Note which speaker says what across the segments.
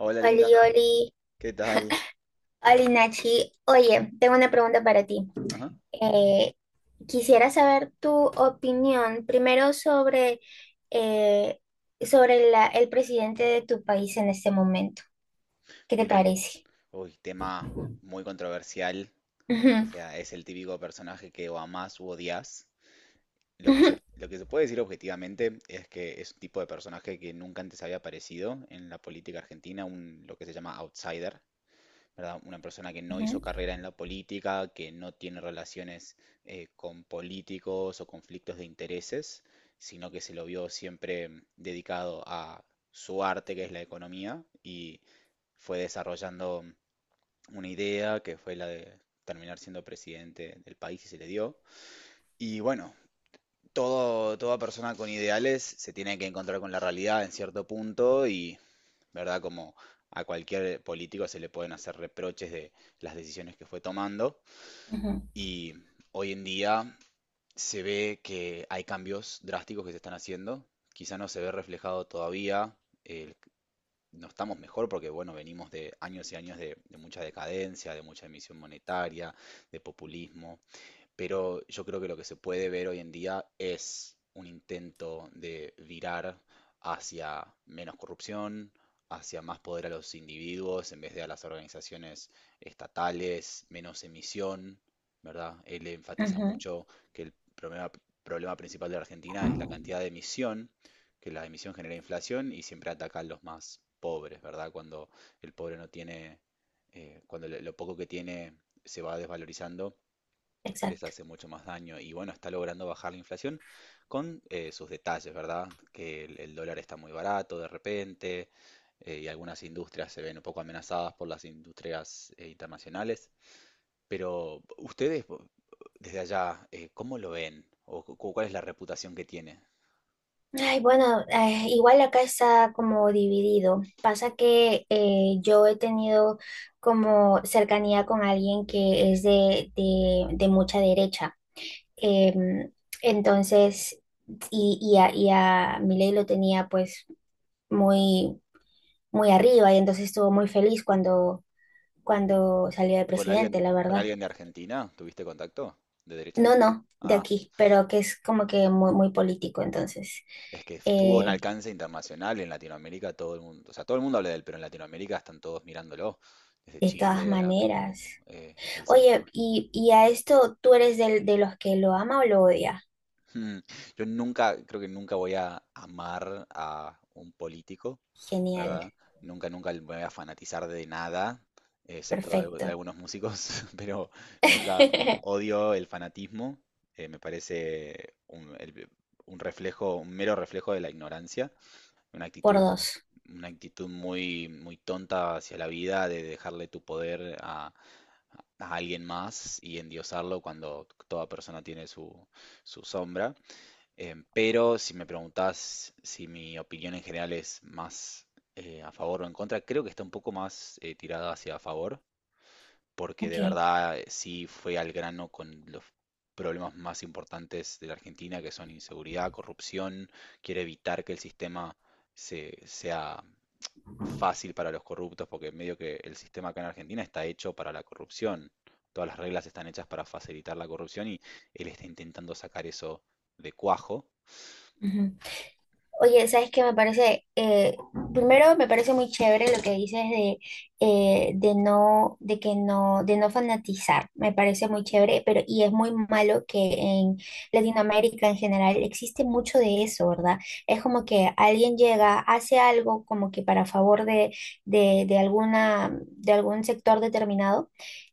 Speaker 1: Hola,
Speaker 2: Oli,
Speaker 1: linda,
Speaker 2: Oli,
Speaker 1: ¿qué tal?
Speaker 2: Oli Nachi. Oye, tengo una pregunta para ti.
Speaker 1: Ajá.
Speaker 2: Eh, Quisiera saber tu opinión primero eh, sobre el presidente de tu país en este momento. ¿Qué te
Speaker 1: Bien.
Speaker 2: parece?
Speaker 1: Uy, tema muy controversial. O
Speaker 2: Ujú,
Speaker 1: sea, es el típico personaje que o amás u odias.
Speaker 2: ujú,
Speaker 1: Lo que se puede decir objetivamente es que es un tipo de personaje que nunca antes había aparecido en la política argentina, un, lo que se llama outsider. ¿Verdad? Una persona que no hizo carrera en la política, que no tiene relaciones con políticos o conflictos de intereses, sino que se lo vio siempre dedicado a su arte, que es la economía, y fue desarrollando una idea que fue la de terminar siendo presidente del país y se le dio. Y bueno, toda persona con ideales se tiene que encontrar con la realidad en cierto punto y ¿verdad? Como a cualquier político se le pueden hacer reproches de las decisiones que fue tomando
Speaker 2: ujú,
Speaker 1: y hoy en día se ve que hay cambios drásticos que se están haciendo, quizá no se ve reflejado todavía, eh, no estamos mejor porque bueno, venimos de años y años de mucha decadencia, de mucha emisión monetaria, de populismo, pero yo creo que lo que se puede ver hoy en día es un intento de virar hacia menos corrupción, hacia más poder a los individuos en vez de a las organizaciones estatales, menos emisión, ¿verdad? Él enfatiza
Speaker 2: ujú,
Speaker 1: mucho que problema principal de la Argentina es la
Speaker 2: ujú.
Speaker 1: cantidad de emisión, que la emisión genera inflación y siempre ataca a los más pobres, ¿verdad? Cuando el pobre no tiene, cuando lo poco que tiene se va desvalorizando, les
Speaker 2: Exacto.
Speaker 1: hace mucho más daño. Y bueno, está logrando bajar la inflación con sus detalles, ¿verdad? Que el dólar está muy barato de repente, y algunas industrias se ven un poco amenazadas por las industrias internacionales. Pero ustedes, desde allá, ¿cómo lo ven? ¿O cuál es la reputación que tiene?
Speaker 2: Ay, bueno, igual acá está como dividido. Pasa que yo he tenido como cercanía con alguien que es de, de mucha derecha. Em, entonces, y a Milei lo tenía pues muy, muy arriba y entonces estuvo muy feliz cuando, salió de presidente, la
Speaker 1: Con
Speaker 2: verdad.
Speaker 1: alguien de Argentina? ¿Tuviste contacto? ¿De derecha?
Speaker 2: No, no, de aquí, pero que es como que muy, muy político, entonces,
Speaker 1: Es que tuvo un
Speaker 2: eh,
Speaker 1: alcance internacional en Latinoamérica, todo el mundo, o sea, todo el mundo habla de él, pero en Latinoamérica están todos mirándolo, desde
Speaker 2: de todas
Speaker 1: Chile a Perú,
Speaker 2: maneras.
Speaker 1: El
Speaker 2: Oye,
Speaker 1: Salvador.
Speaker 2: y a esto, ¿tú eres de los que lo ama o lo odia?
Speaker 1: Mm, Yo nunca, creo que nunca voy a amar a un político,
Speaker 2: Genial,
Speaker 1: ¿verdad? Nunca, nunca me voy a fanatizar de nada, excepto de, de
Speaker 2: perfecto.
Speaker 1: algunos músicos, pero nunca odio el fanatismo, me parece un, un reflejo, un mero reflejo de la ignorancia. Una
Speaker 2: Por
Speaker 1: actitud,
Speaker 2: dos.
Speaker 1: una actitud muy, muy tonta hacia la vida de dejarle tu poder a alguien más y endiosarlo cuando toda persona tiene su, su sombra. Pero si me preguntás si mi opinión en general es más a favor o en contra, creo que está un poco más tirada hacia a favor porque de
Speaker 2: Ok.
Speaker 1: verdad sí fue al grano con los problemas más importantes de la Argentina, que son inseguridad, corrupción, quiere evitar que el sistema sea fácil para los corruptos, porque medio que el sistema acá en Argentina está hecho para la corrupción. Todas las reglas están hechas para facilitar la corrupción y él está intentando sacar eso de cuajo.
Speaker 2: Oye, ¿sabes qué me parece? Primero me parece muy chévere lo que dices de no, de que no, de no fanatizar. Me parece muy chévere, pero y es muy malo que en Latinoamérica en general existe mucho de eso, ¿verdad? Es como que alguien llega, hace algo como que para favor de, de algún sector determinado.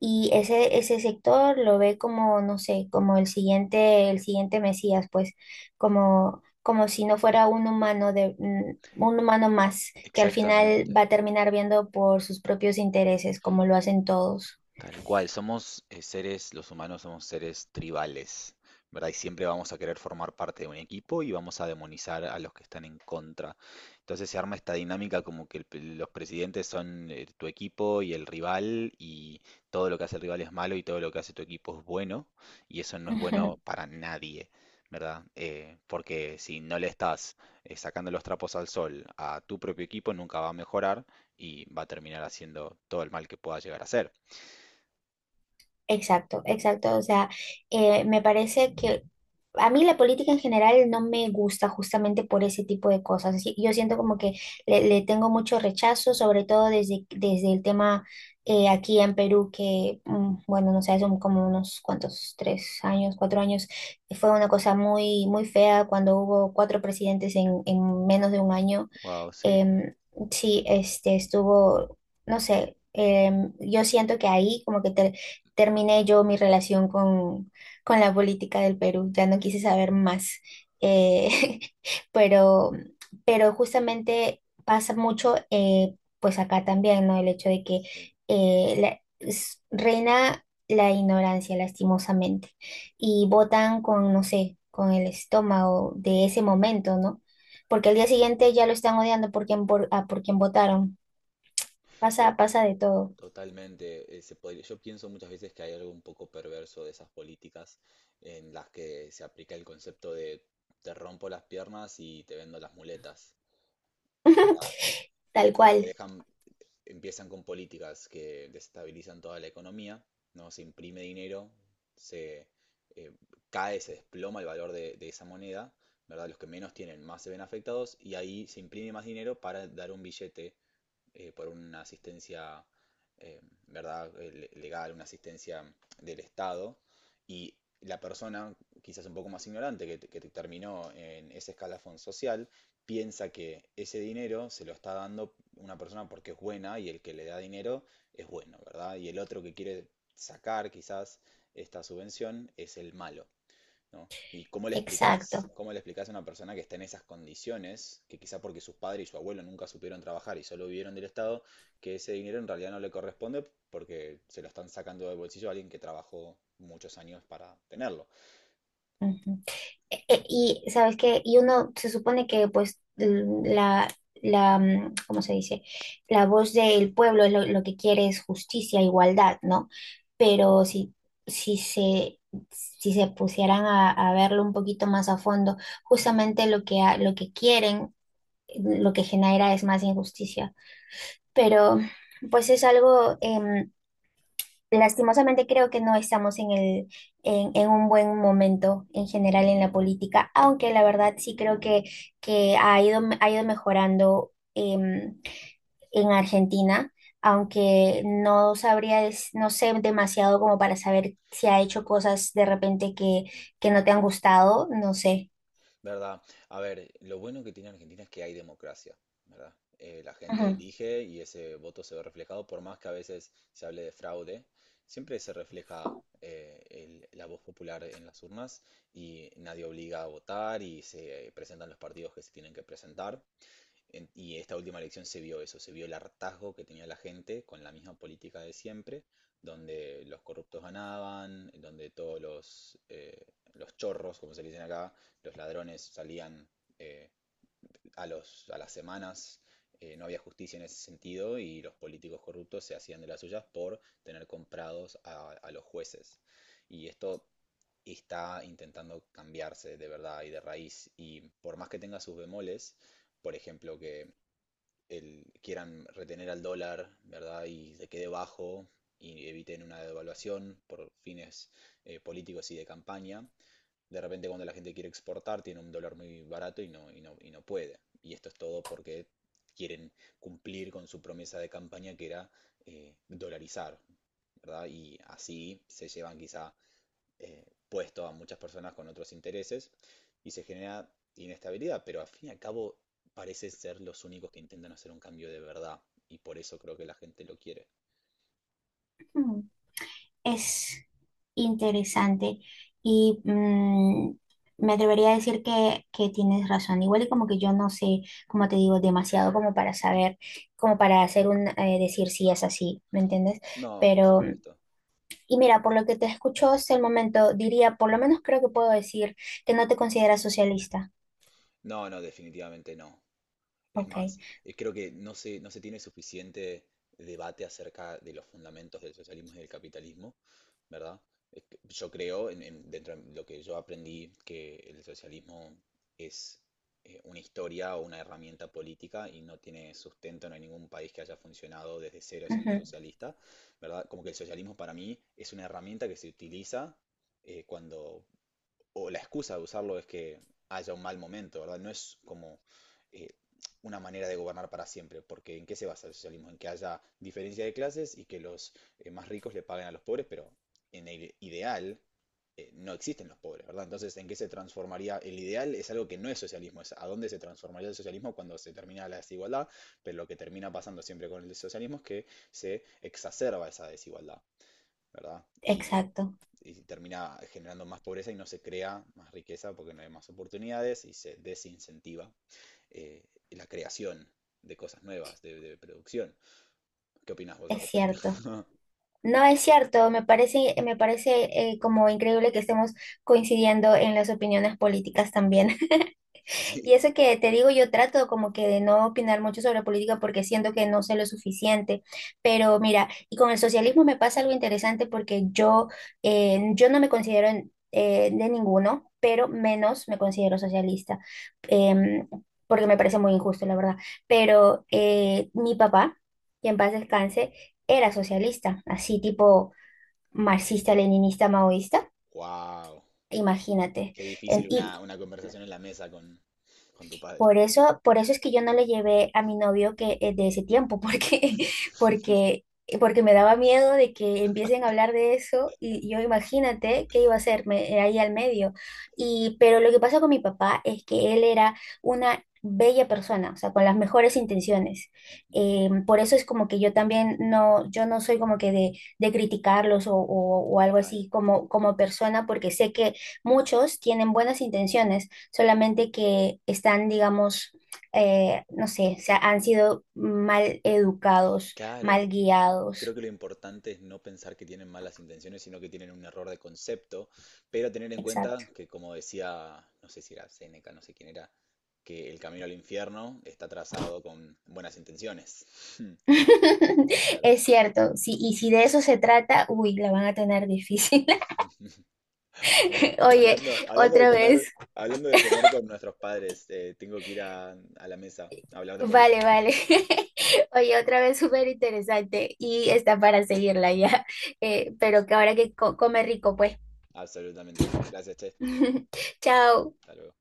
Speaker 2: Y ese sector lo ve como, no sé, como el siguiente Mesías, pues, como como si no fuera un humano más, que al final
Speaker 1: Exactamente.
Speaker 2: va a terminar viendo por sus propios intereses, como lo hacen todos.
Speaker 1: Tal cual, somos seres, los humanos somos seres tribales, ¿verdad? Y siempre vamos a querer formar parte de un equipo y vamos a demonizar a los que están en contra. Entonces se arma esta dinámica como que los presidentes son tu equipo y el rival, y todo lo que hace el rival es malo y todo lo que hace tu equipo es bueno y eso no es bueno
Speaker 2: Ujú,
Speaker 1: para nadie, ¿verdad? Porque si no le estás sacando los trapos al sol a tu propio equipo, nunca va a mejorar y va a terminar haciendo todo el mal que pueda llegar a hacer.
Speaker 2: exacto, exacto. O sea, me parece que a mí la política en general no me gusta justamente por ese tipo de cosas. Yo siento como que le tengo mucho rechazo, sobre todo desde el tema aquí en Perú, que, bueno, no sé, hace como unos cuantos, 3 años, 4 años, fue una cosa muy, muy fea cuando hubo cuatro presidentes en menos de un año.
Speaker 1: Wow, sí.
Speaker 2: em, sí, este estuvo, no sé. Yo siento que ahí como que terminé yo mi relación con la política del Perú, ya no quise saber más, eh, pero, pero justamente pasa mucho, pues acá también, ¿no? El hecho de que
Speaker 1: Sí,
Speaker 2: reina la ignorancia, lastimosamente, y votan con, no sé, con el estómago de ese momento, ¿no? Porque al día siguiente ya lo están odiando por quien votaron.
Speaker 1: to-
Speaker 2: Pasa de todo,
Speaker 1: totalmente. Yo pienso muchas veces que hay algo un poco perverso de esas políticas en las que se aplica el concepto de te rompo las piernas y te vendo las muletas, en verdad,
Speaker 2: tal
Speaker 1: de que te
Speaker 2: cual,
Speaker 1: dejan, empiezan con políticas que desestabilizan toda la economía, ¿no? Se imprime dinero, se eh, cae, se desploma el valor de esa moneda, ¿verdad? Los que menos tienen más se ven afectados y ahí se imprime más dinero para dar un billete por una asistencia, eh, ¿verdad? Legal, una asistencia del Estado, y la persona, quizás un poco más ignorante, que terminó en ese escalafón social, piensa que ese dinero se lo está dando una persona porque es buena y el que le da dinero es bueno, ¿verdad? Y el otro que quiere sacar quizás esta subvención es el malo. ¿No? ¿Y cómo le
Speaker 2: exacto.
Speaker 1: explicás? ¿Cómo le explicás a una persona que está en esas condiciones, que quizá porque sus padres y su abuelo nunca supieron trabajar y solo vivieron del Estado, que ese dinero en realidad no le corresponde porque se lo están sacando del bolsillo a alguien que trabajó muchos años para tenerlo?
Speaker 2: Ujú. Y sabes qué, y uno se supone que pues la, ¿cómo se dice? La voz del pueblo, lo que quiere es justicia, igualdad, ¿no? Pero si, si se... Si se pusieran a verlo un poquito más a fondo, justamente lo que quieren, lo que genera es más injusticia, pero pues es algo, lastimosamente creo que no estamos en un buen momento en general en la política, aunque la verdad sí creo que ha ido, mejorando em, en Argentina, aunque no sabría, no sé demasiado como para saber si ha hecho cosas de repente que,
Speaker 1: Sí.
Speaker 2: que no te han gustado, no sé.
Speaker 1: ¿Verdad? A ver, lo bueno que tiene Argentina es que hay democracia, ¿verdad? La gente elige y ese voto se ve reflejado, por más que a veces se hable de fraude, siempre se refleja la voz popular en las urnas y nadie obliga a votar y se presentan los partidos que se tienen que presentar. Y esta última elección se vio eso, se vio el hartazgo que tenía la gente con la misma política de siempre, donde los corruptos ganaban, donde todos los chorros, como se le dicen acá, los ladrones salían eh, a las semanas, no había justicia en ese sentido y los políticos corruptos se hacían de las suyas por tener comprados a los jueces. Y esto está intentando cambiarse de verdad y de raíz. Y por más que tenga sus bemoles, por ejemplo, que quieran retener al dólar, ¿verdad? Y se quede bajo y eviten una devaluación por fines políticos y de campaña. De repente cuando la gente quiere exportar tiene un dólar muy barato y no puede. Y esto es todo porque quieren cumplir con su promesa de campaña que era dolarizar, ¿verdad? Y así se llevan quizá puesto a muchas personas con otros intereses y se genera inestabilidad, pero al fin y al cabo parecen ser los únicos que intentan hacer un cambio de verdad y por eso creo que la gente lo quiere.
Speaker 2: Ujú. Es interesante y me atrevería a decir que tienes razón. Igual y como que yo no sé, como te digo, demasiado como para
Speaker 1: Ujú.
Speaker 2: saber, como para hacer decir si es así, ¿me entiendes?
Speaker 1: No, por
Speaker 2: Pero,
Speaker 1: supuesto.
Speaker 2: y mira, por lo que te escucho hasta el momento, diría, por lo menos creo que puedo decir que no te consideras socialista.
Speaker 1: No, no, definitivamente no. Es
Speaker 2: Ok,
Speaker 1: más, creo que no se tiene suficiente debate acerca de los fundamentos del socialismo y del capitalismo, ¿verdad? Es que yo creo, dentro de lo que yo aprendí, que el socialismo es una historia o una herramienta política y no tiene sustento, no hay ningún país que haya funcionado desde cero siendo
Speaker 2: ujú,
Speaker 1: socialista, ¿verdad? Como que el socialismo para mí es una herramienta que se utiliza cuando o la excusa de usarlo es que haya un mal momento, ¿verdad? No es como eh, una manera de gobernar para siempre, porque ¿en qué se basa el socialismo? En que haya diferencia de clases y que los más ricos le paguen a los pobres, pero en el ideal no existen los pobres, ¿verdad? Entonces, ¿en qué se transformaría? El ideal es algo que no es socialismo, es a dónde se transformaría el socialismo cuando se termina la desigualdad, pero lo que termina pasando siempre con el socialismo es que se exacerba esa desigualdad, ¿verdad? Y
Speaker 2: exacto,
Speaker 1: y si termina generando más pobreza y no se crea más riqueza porque no hay más oportunidades y se desincentiva eh, la creación de cosas nuevas, de producción. ¿Qué opinas vos al
Speaker 2: es
Speaker 1: respecto?
Speaker 2: cierto. No es cierto, me parece como increíble que estemos coincidiendo en las opiniones políticas también.
Speaker 1: Sí.
Speaker 2: Y eso que te digo, yo trato como que de no opinar mucho sobre política porque siento que no sé lo suficiente. Pero mira, y con el socialismo me pasa algo interesante porque yo no me considero de ninguno, pero menos me considero socialista, em, porque me parece muy injusto, la verdad. Pero mi papá, que en paz descanse, era socialista, así tipo marxista, leninista, maoísta.
Speaker 1: ¡Wow!
Speaker 2: Imagínate.
Speaker 1: Qué
Speaker 2: En-
Speaker 1: difícil
Speaker 2: Y,
Speaker 1: una conversación en la mesa con tu padre.
Speaker 2: por eso es que yo no le llevé a mi novio que de ese tiempo, porque, porque, porque me daba miedo de que empiecen a hablar de eso y yo imagínate qué iba a hacerme ahí al medio. Pero lo que pasa con mi papá es que él era una bella persona, o sea, con las mejores intenciones. Por eso es como que yo también no, yo no soy como que de criticarlos, o algo
Speaker 1: Total.
Speaker 2: así como persona, porque sé que muchos tienen buenas intenciones, solamente que están, digamos, no sé, han sido mal educados,
Speaker 1: Claro.
Speaker 2: mal
Speaker 1: Creo
Speaker 2: guiados.
Speaker 1: que lo importante es no pensar que tienen malas intenciones, sino que tienen un error de concepto, pero tener en
Speaker 2: Exacto.
Speaker 1: cuenta que, como decía, no sé si era Séneca, no sé quién era, que el camino al infierno está trazado con buenas intenciones, ¿verdad?
Speaker 2: Es cierto, sí, y si de eso se trata, uy, la van a tener difícil.
Speaker 1: Bueno,
Speaker 2: Oye, otra vez,
Speaker 1: hablando de comer con nuestros padres, tengo que ir a la mesa a hablar de
Speaker 2: vale,
Speaker 1: política.
Speaker 2: vale. Oye, otra vez súper interesante y está para seguirla ya. Pero que ahora que come rico, pues.
Speaker 1: Absolutamente. Gracias, Che.
Speaker 2: Chao.
Speaker 1: Hasta luego.